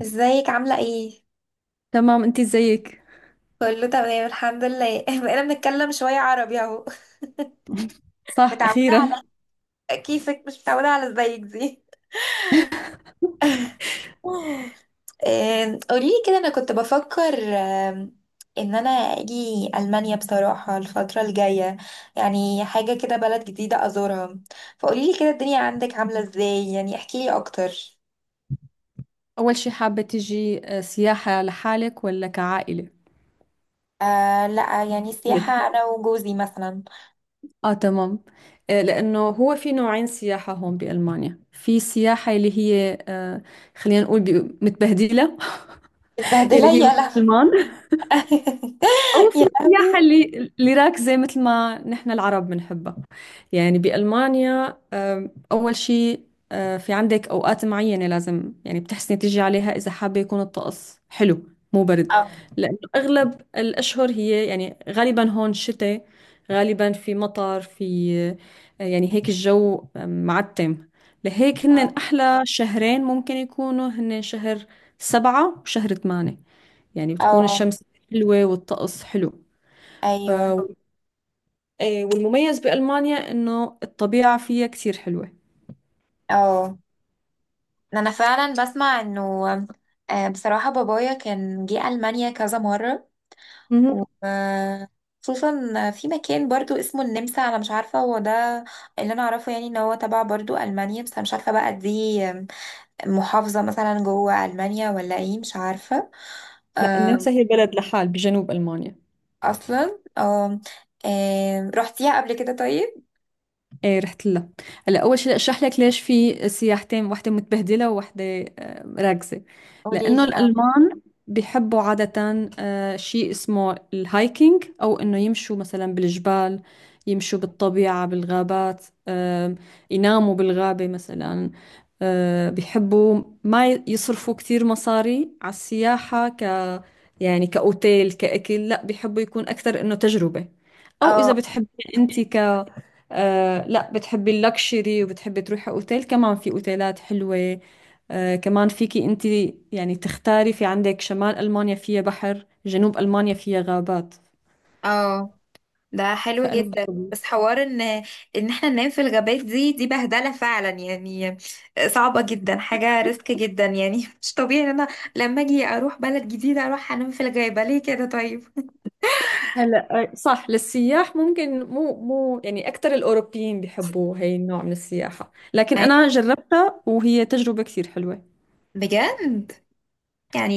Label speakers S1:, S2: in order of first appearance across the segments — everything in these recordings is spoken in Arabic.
S1: ازيك عاملة ايه؟
S2: تمام انت زيك.
S1: كله تمام الحمد لله بقينا بنتكلم شوية عربي اهو.
S2: صح
S1: متعودة
S2: اخيرا.
S1: على كيفك، مش متعودة على ازيك دي. قوليلي كده، انا كنت بفكر ان انا اجي المانيا بصراحة الفترة الجاية، يعني حاجة كده بلد جديدة ازورها. فقوليلي كده الدنيا عندك عاملة ازاي، يعني احكيلي اكتر.
S2: اول شي، حابة تجي سياحة لحالك ولا كعائلة؟
S1: آه لا، يعني السياحة
S2: ليه؟
S1: انا وجوزي مثلا.
S2: اه تمام. لانه هو في نوعين سياحة هون بالمانيا. في سياحة اللي هي خلينا نقول متبهدلة،
S1: متبهدلة،
S2: اللي هي
S1: يا لهوي.
S2: مسلمان، أو في
S1: يا
S2: السياحة
S1: لهوي.
S2: اللي راكزة مثل ما نحن العرب بنحبها. يعني بألمانيا أول شيء، في عندك أوقات معينة لازم، يعني بتحسني تيجي عليها إذا حابة يكون الطقس حلو، مو برد.
S1: اه.
S2: لأنه أغلب الأشهر هي يعني غالبا هون شتاء، غالبا في مطر، في يعني هيك الجو معتم. لهيك هن
S1: اه.
S2: أحلى شهرين ممكن يكونوا هن شهر سبعة وشهر ثمانية. يعني بتكون
S1: اه.
S2: الشمس حلوة والطقس حلو.
S1: ايوه.
S2: آه، إيه، والمميز بألمانيا إنه الطبيعة فيها كتير حلوة.
S1: اه. انا فعلا بسمع انه بصراحة بابايا كان جه ألمانيا كذا مرة،
S2: مهم.
S1: وخصوصا في مكان برضو اسمه النمسا. انا مش عارفة هو ده اللي انا اعرفه، يعني ان هو تبع برضو ألمانيا، بس انا مش عارفة بقى دي محافظة مثلا جوه ألمانيا ولا ايه، مش عارفة.
S2: لا،
S1: آه،
S2: النمسا هي بلد لحال بجنوب ألمانيا.
S1: اصلا اه. رحتيها قبل كده طيب؟
S2: ايه رحت لها. هلا اول شيء اشرح لك ليش في سياحتين، واحده متبهدله وواحده راكزه. لانه
S1: قوليلي. اه.
S2: الالمان بيحبوا عاده شيء اسمه الهايكينج، او انه يمشوا مثلا بالجبال، يمشوا بالطبيعه بالغابات، يناموا بالغابه مثلا. بيحبوا ما يصرفوا كثير مصاري على السياحه، يعني كاوتيل كاكل، لا بيحبوا يكون اكثر انه تجربه. او اذا
S1: اه.
S2: بتحبي انت آه، لا بتحبي اللكشري وبتحبي تروحي اوتيل، كمان في اوتيلات حلوة. آه كمان فيكي انت يعني تختاري. في عندك شمال المانيا فيها بحر، جنوب المانيا فيها غابات.
S1: اه. ده حلو
S2: فانا
S1: جدا. بس حوار ان احنا ننام في الغابات دي، دي بهدله فعلا يعني، صعبه جدا، حاجه ريسك جدا يعني. مش طبيعي ان انا لما اجي اروح بلد جديده اروح انام في الغابه، ليه كده طيب؟
S2: هلا صح. للسياح ممكن مو يعني، اكثر الاوروبيين بيحبوا هي النوع من السياحة، لكن
S1: أي-
S2: انا جربتها وهي تجربة كثير حلوة.
S1: بجد؟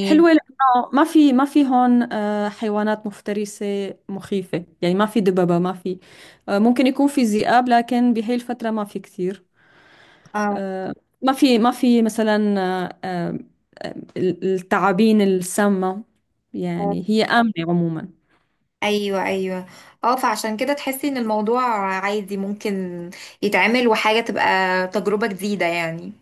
S2: حلوة لأنه ما في هون حيوانات مفترسة مخيفة. يعني ما في دببة، ما في ممكن يكون في ذئاب لكن بهي الفترة ما في كثير.
S1: اه.
S2: آه، ما في مثلا الثعابين السامة. يعني هي آمنة عموما.
S1: ايوه ايوه. اه، فعشان كده تحسي ان الموضوع عادي، ممكن يتعمل، وحاجه تبقى تجربه جديده يعني.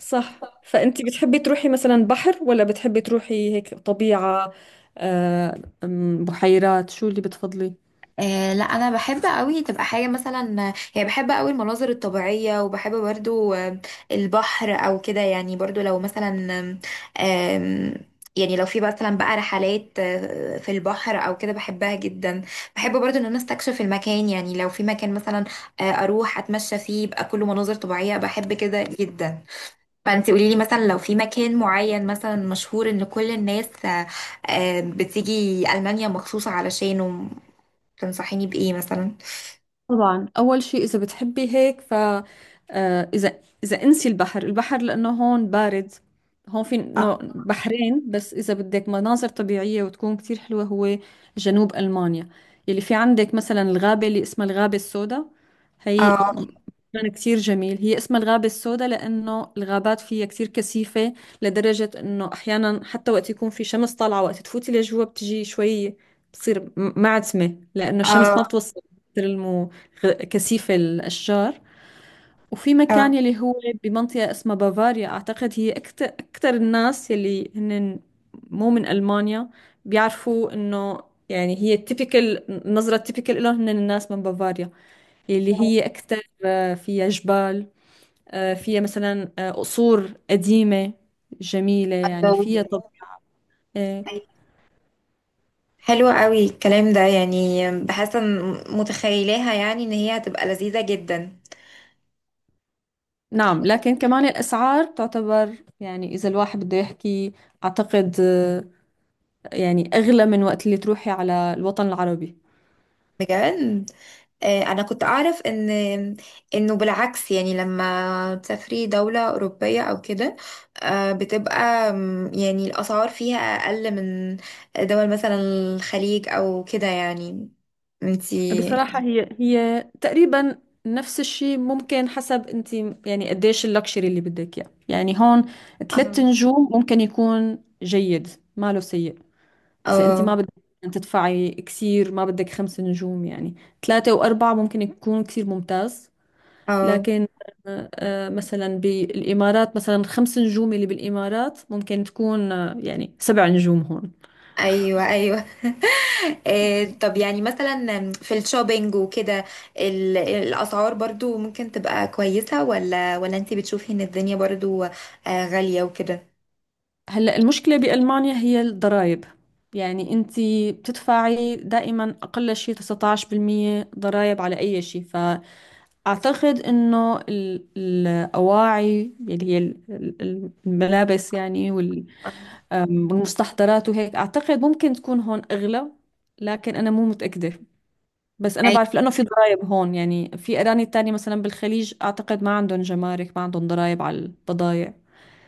S2: صح، فأنتي بتحبي تروحي مثلا بحر ولا بتحبي تروحي هيك طبيعة، آه، أم، بحيرات؟ شو اللي بتفضلي؟
S1: آه لا، انا بحب قوي تبقى حاجه مثلا، يعني بحب قوي المناظر الطبيعيه، وبحب برضو البحر او كده يعني. برضو لو مثلا، آم، آم، يعني لو في مثلا بقى رحلات في البحر او كده، بحبها جدا. بحب برضو ان انا استكشف المكان، يعني لو في مكان مثلا اروح اتمشى فيه يبقى كله مناظر طبيعيه، بحب كده جدا. فانت قولي لي مثلا لو في مكان معين مثلا مشهور ان كل الناس بتيجي المانيا مخصوص علشانه، تنصحيني بإيه مثلا؟
S2: طبعا أول شيء، إذا بتحبي هيك ف إذا انسي البحر. البحر لأنه هون بارد، هون في نوع
S1: آه.
S2: بحرين بس. إذا بدك مناظر طبيعية وتكون كتير حلوة، هو جنوب ألمانيا. يلي في عندك مثلا الغابة اللي اسمها الغابة السوداء. هي
S1: اه.
S2: مكان كتير جميل. هي اسمها الغابة السوداء لأنه الغابات فيها كتير كثيفة، لدرجة إنه أحيانا حتى وقت يكون في شمس طالعة، وقت تفوتي لجوا بتجي شوي بتصير معتمة لأنه الشمس ما
S1: اه.
S2: بتوصل، مثل المو كثيف الأشجار. وفي مكان
S1: اه.
S2: يلي هو بمنطقة اسمها بافاريا، أعتقد هي أكتر الناس يلي هن مو من ألمانيا بيعرفوا إنه، يعني هي التيبيكال، النظرة التيبيكال لهم هن الناس من بافاريا، يلي هي أكتر فيها جبال، فيها مثلا قصور قديمة جميلة. يعني
S1: الله.
S2: فيها طب آه،
S1: حلو قوي الكلام ده، يعني بحس ان متخيلاها، يعني ان هي هتبقى لذيذة جدا.
S2: نعم. لكن كمان الأسعار تعتبر، يعني إذا الواحد بده يحكي أعتقد يعني أغلى من وقت اللي تروحي على الوطن العربي.
S1: بجد؟ انا كنت اعرف ان بالعكس، يعني لما تسافري دولة اوروبية او كده بتبقى يعني الاسعار فيها اقل من دول مثلا الخليج او كده يعني. انتي
S2: بصراحة هي هي تقريبا نفس الشيء، ممكن حسب انت يعني قديش اللكشري اللي بدك اياه. يعني هون
S1: اه.
S2: ثلاث نجوم ممكن يكون جيد، ما له سيء. اذا انت ما بدك تدفعي كثير، ما بدك خمس نجوم، يعني ثلاثة وأربعة ممكن يكون كثير ممتاز.
S1: اه.
S2: لكن مثلا بالإمارات، مثلا خمس نجوم اللي بالإمارات ممكن تكون يعني سبع نجوم هون.
S1: ايوه ايوه. إيه طب يعني مثلا في الشوبينج وكده الاسعار برضو ممكن تبقى كويسة، ولا انت بتشوفي ان الدنيا برضو غالية وكده؟
S2: هلا المشكلة بألمانيا هي الضرائب. يعني انت بتدفعي دائما اقل شيء 19% ضرائب على اي شيء. فاعتقد انه الاواعي اللي هي الملابس يعني والمستحضرات وهيك، اعتقد ممكن تكون هون اغلى. لكن انا مو متأكدة. بس انا
S1: أي-
S2: بعرف لانه في ضرائب هون. يعني في اراني تانية مثلا بالخليج، اعتقد ما عندهم جمارك، ما عندهم ضرائب على البضائع.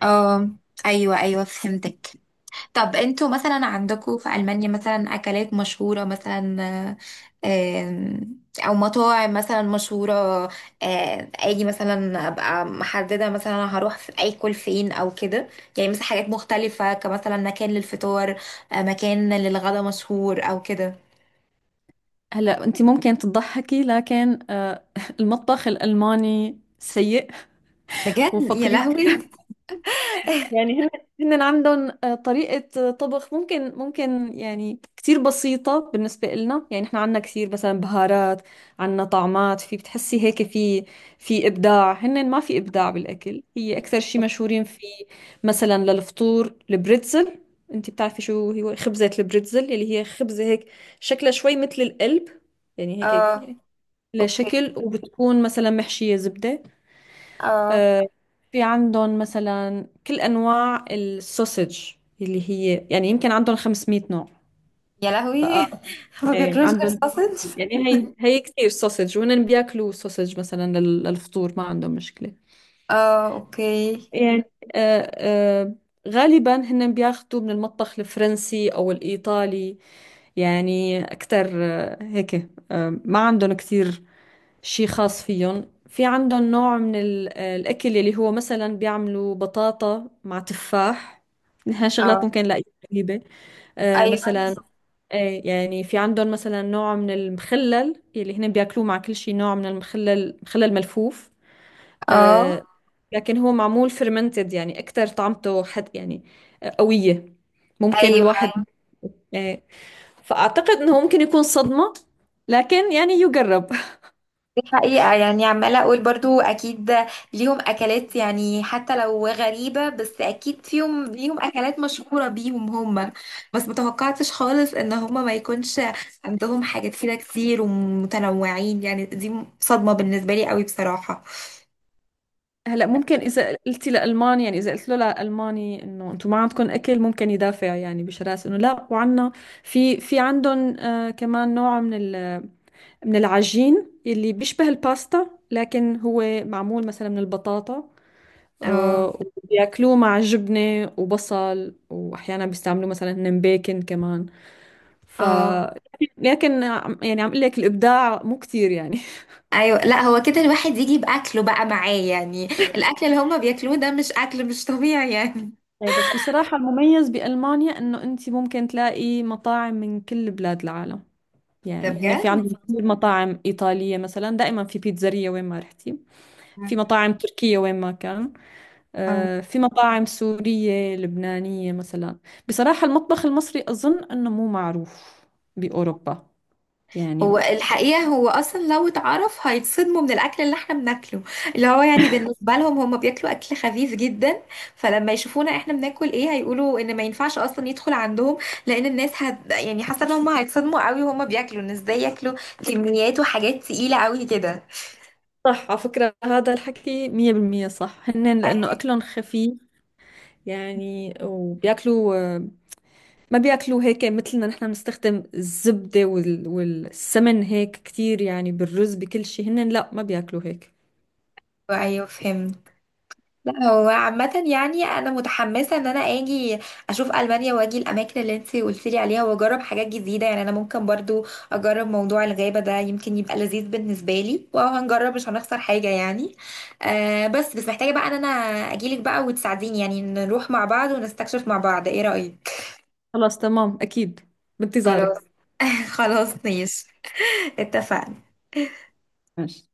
S1: اه. ايوه ايوه، فهمتك. طب انتوا مثلا عندكم في ألمانيا مثلا أكلات مشهورة مثلا، آه، آم، أو مطاعم مثلا مشهورة، أجي مثلا أبقى محددة مثلا هروح في أكل فين أو كده، يعني مثلا حاجات مختلفة كمثلا مكان للفطار، مكان للغدا مشهور أو كده.
S2: هلا انت ممكن تضحكي لكن المطبخ الالماني سيء
S1: بجد؟ يا
S2: وفقير.
S1: لهوي.
S2: يعني هن عندهم طريقة طبخ، ممكن يعني كتير بسيطة بالنسبة لنا. يعني احنا عندنا كثير مثلا بهارات، عندنا طعمات، في بتحسي هيك في إبداع. هن ما في إبداع بالأكل. هي أكثر شيء مشهورين فيه مثلا للفطور البريتزل. انت بتعرفي شو هو خبزة البريتزل، اللي هي خبزة هيك شكلها شوي مثل القلب، يعني هيك
S1: اه اوكي.
S2: لشكل، وبتكون مثلا محشية زبدة.
S1: اه.
S2: آه، في عندهم مثلا كل أنواع السوسج، اللي هي يعني يمكن عندهم 500 نوع
S1: يا لهوي.
S2: بقى.
S1: ما
S2: ايه
S1: بياكلوش غير
S2: عندهم.
S1: ساسج؟
S2: يعني هي هي كثير سوسج، وهن بياكلوا سوسج مثلا للفطور، ما عندهم مشكلة.
S1: اه اوكي.
S2: يعني آه، آه، غالبا هن بياخذوا من المطبخ الفرنسي أو الإيطالي. يعني أكثر هيك، ما عندهم كثير شي خاص فيهم. في عندهم نوع من الأكل اللي هو مثلا بيعملوا بطاطا مع تفاح. نحن شغلات
S1: اه.
S2: ممكن نلاقيها غريبة. آه
S1: ايوه.
S2: مثلا إيه، يعني في عندهم مثلا نوع من المخلل اللي هن بياكلوه مع كل شي، نوع من المخلل، مخلل ملفوف.
S1: اه.
S2: آه لكن هو معمول فرمنتد، يعني أكتر طعمته حد يعني قوية. ممكن
S1: ايوه،
S2: الواحد إيه، فأعتقد إنه ممكن يكون صدمة، لكن يعني يجرب.
S1: دي حقيقة يعني. عمالة أقول برضو أكيد ليهم أكلات، يعني حتى لو غريبة بس أكيد فيهم، ليهم أكلات مشهورة بيهم هما. بس متوقعتش خالص إن هما ما يكونش عندهم حاجات كده كتير ومتنوعين، يعني دي صدمة بالنسبة لي قوي بصراحة.
S2: هلا ممكن اذا قلتي لالماني يعني اذا قلت له لالماني انه انتم ما عندكم اكل، ممكن يدافع يعني بشراسه انه لا وعنا. في عندهم آه كمان نوع من من العجين اللي بيشبه الباستا، لكن هو معمول مثلا من البطاطا.
S1: اه.
S2: آه، وبياكلوه مع جبنه وبصل، واحيانا بيستعملوا مثلا هن بيكن كمان. ف
S1: اه.
S2: لكن يعني عم اقول لك الابداع مو كتير يعني.
S1: ايوه لا، هو كده الواحد يجي باكله بقى معاه، يعني الاكل اللي هما بياكلوه ده مش اكل، مش طبيعي يعني.
S2: إيه بس بصراحة المميز بألمانيا إنه أنت ممكن تلاقي مطاعم من كل بلاد العالم.
S1: ده
S2: يعني هنا
S1: بجد؟
S2: في عندهم كثير مطاعم إيطالية، مثلا دائما في بيتزارية وين ما رحتي. في مطاعم تركية وين ما كان،
S1: آه.
S2: في مطاعم سورية لبنانية مثلا. بصراحة المطبخ المصري أظن إنه مو معروف بأوروبا يعني.
S1: هو الحقيقة هو أصلا لو اتعرف هيتصدموا من الأكل اللي احنا بناكله، اللي هو يعني بالنسبة لهم هم بياكلوا أكل خفيف جدا، فلما يشوفونا احنا بناكل ايه هيقولوا إن ما ينفعش أصلا يدخل عندهم، لأن الناس هت، يعني حاسة إن هم هيتصدموا قوي وهم بياكلوا، إن ازاي ياكلوا كميات وحاجات تقيلة قوي كده.
S2: صح، على فكرة هذا الحكي 100% صح، هن لأنه أكلهم خفيف يعني. وبياكلوا ما بياكلوه هيك مثلنا، نحن بنستخدم الزبدة وال... والسمن هيك كتير يعني، بالرز بكل شيء، هن لا ما بياكلوا هيك.
S1: أيوه أيوه، فهمت. لا هو عامة يعني أنا متحمسة إن أنا أجي أشوف ألمانيا وأجي الأماكن اللي أنت قلتيلي عليها وأجرب حاجات جديدة، يعني أنا ممكن برضو أجرب موضوع الغابة ده، يمكن يبقى لذيذ بالنسبة لي وهنجرب، مش هنخسر حاجة يعني. آه بس محتاجة بقى إن أنا أجيلك بقى وتساعديني، يعني نروح مع بعض ونستكشف مع بعض، إيه رأيك؟
S2: خلاص تمام أكيد،
S1: خلاص.
S2: بانتظارك.
S1: خلاص ماشي، اتفقنا.
S2: ماشي.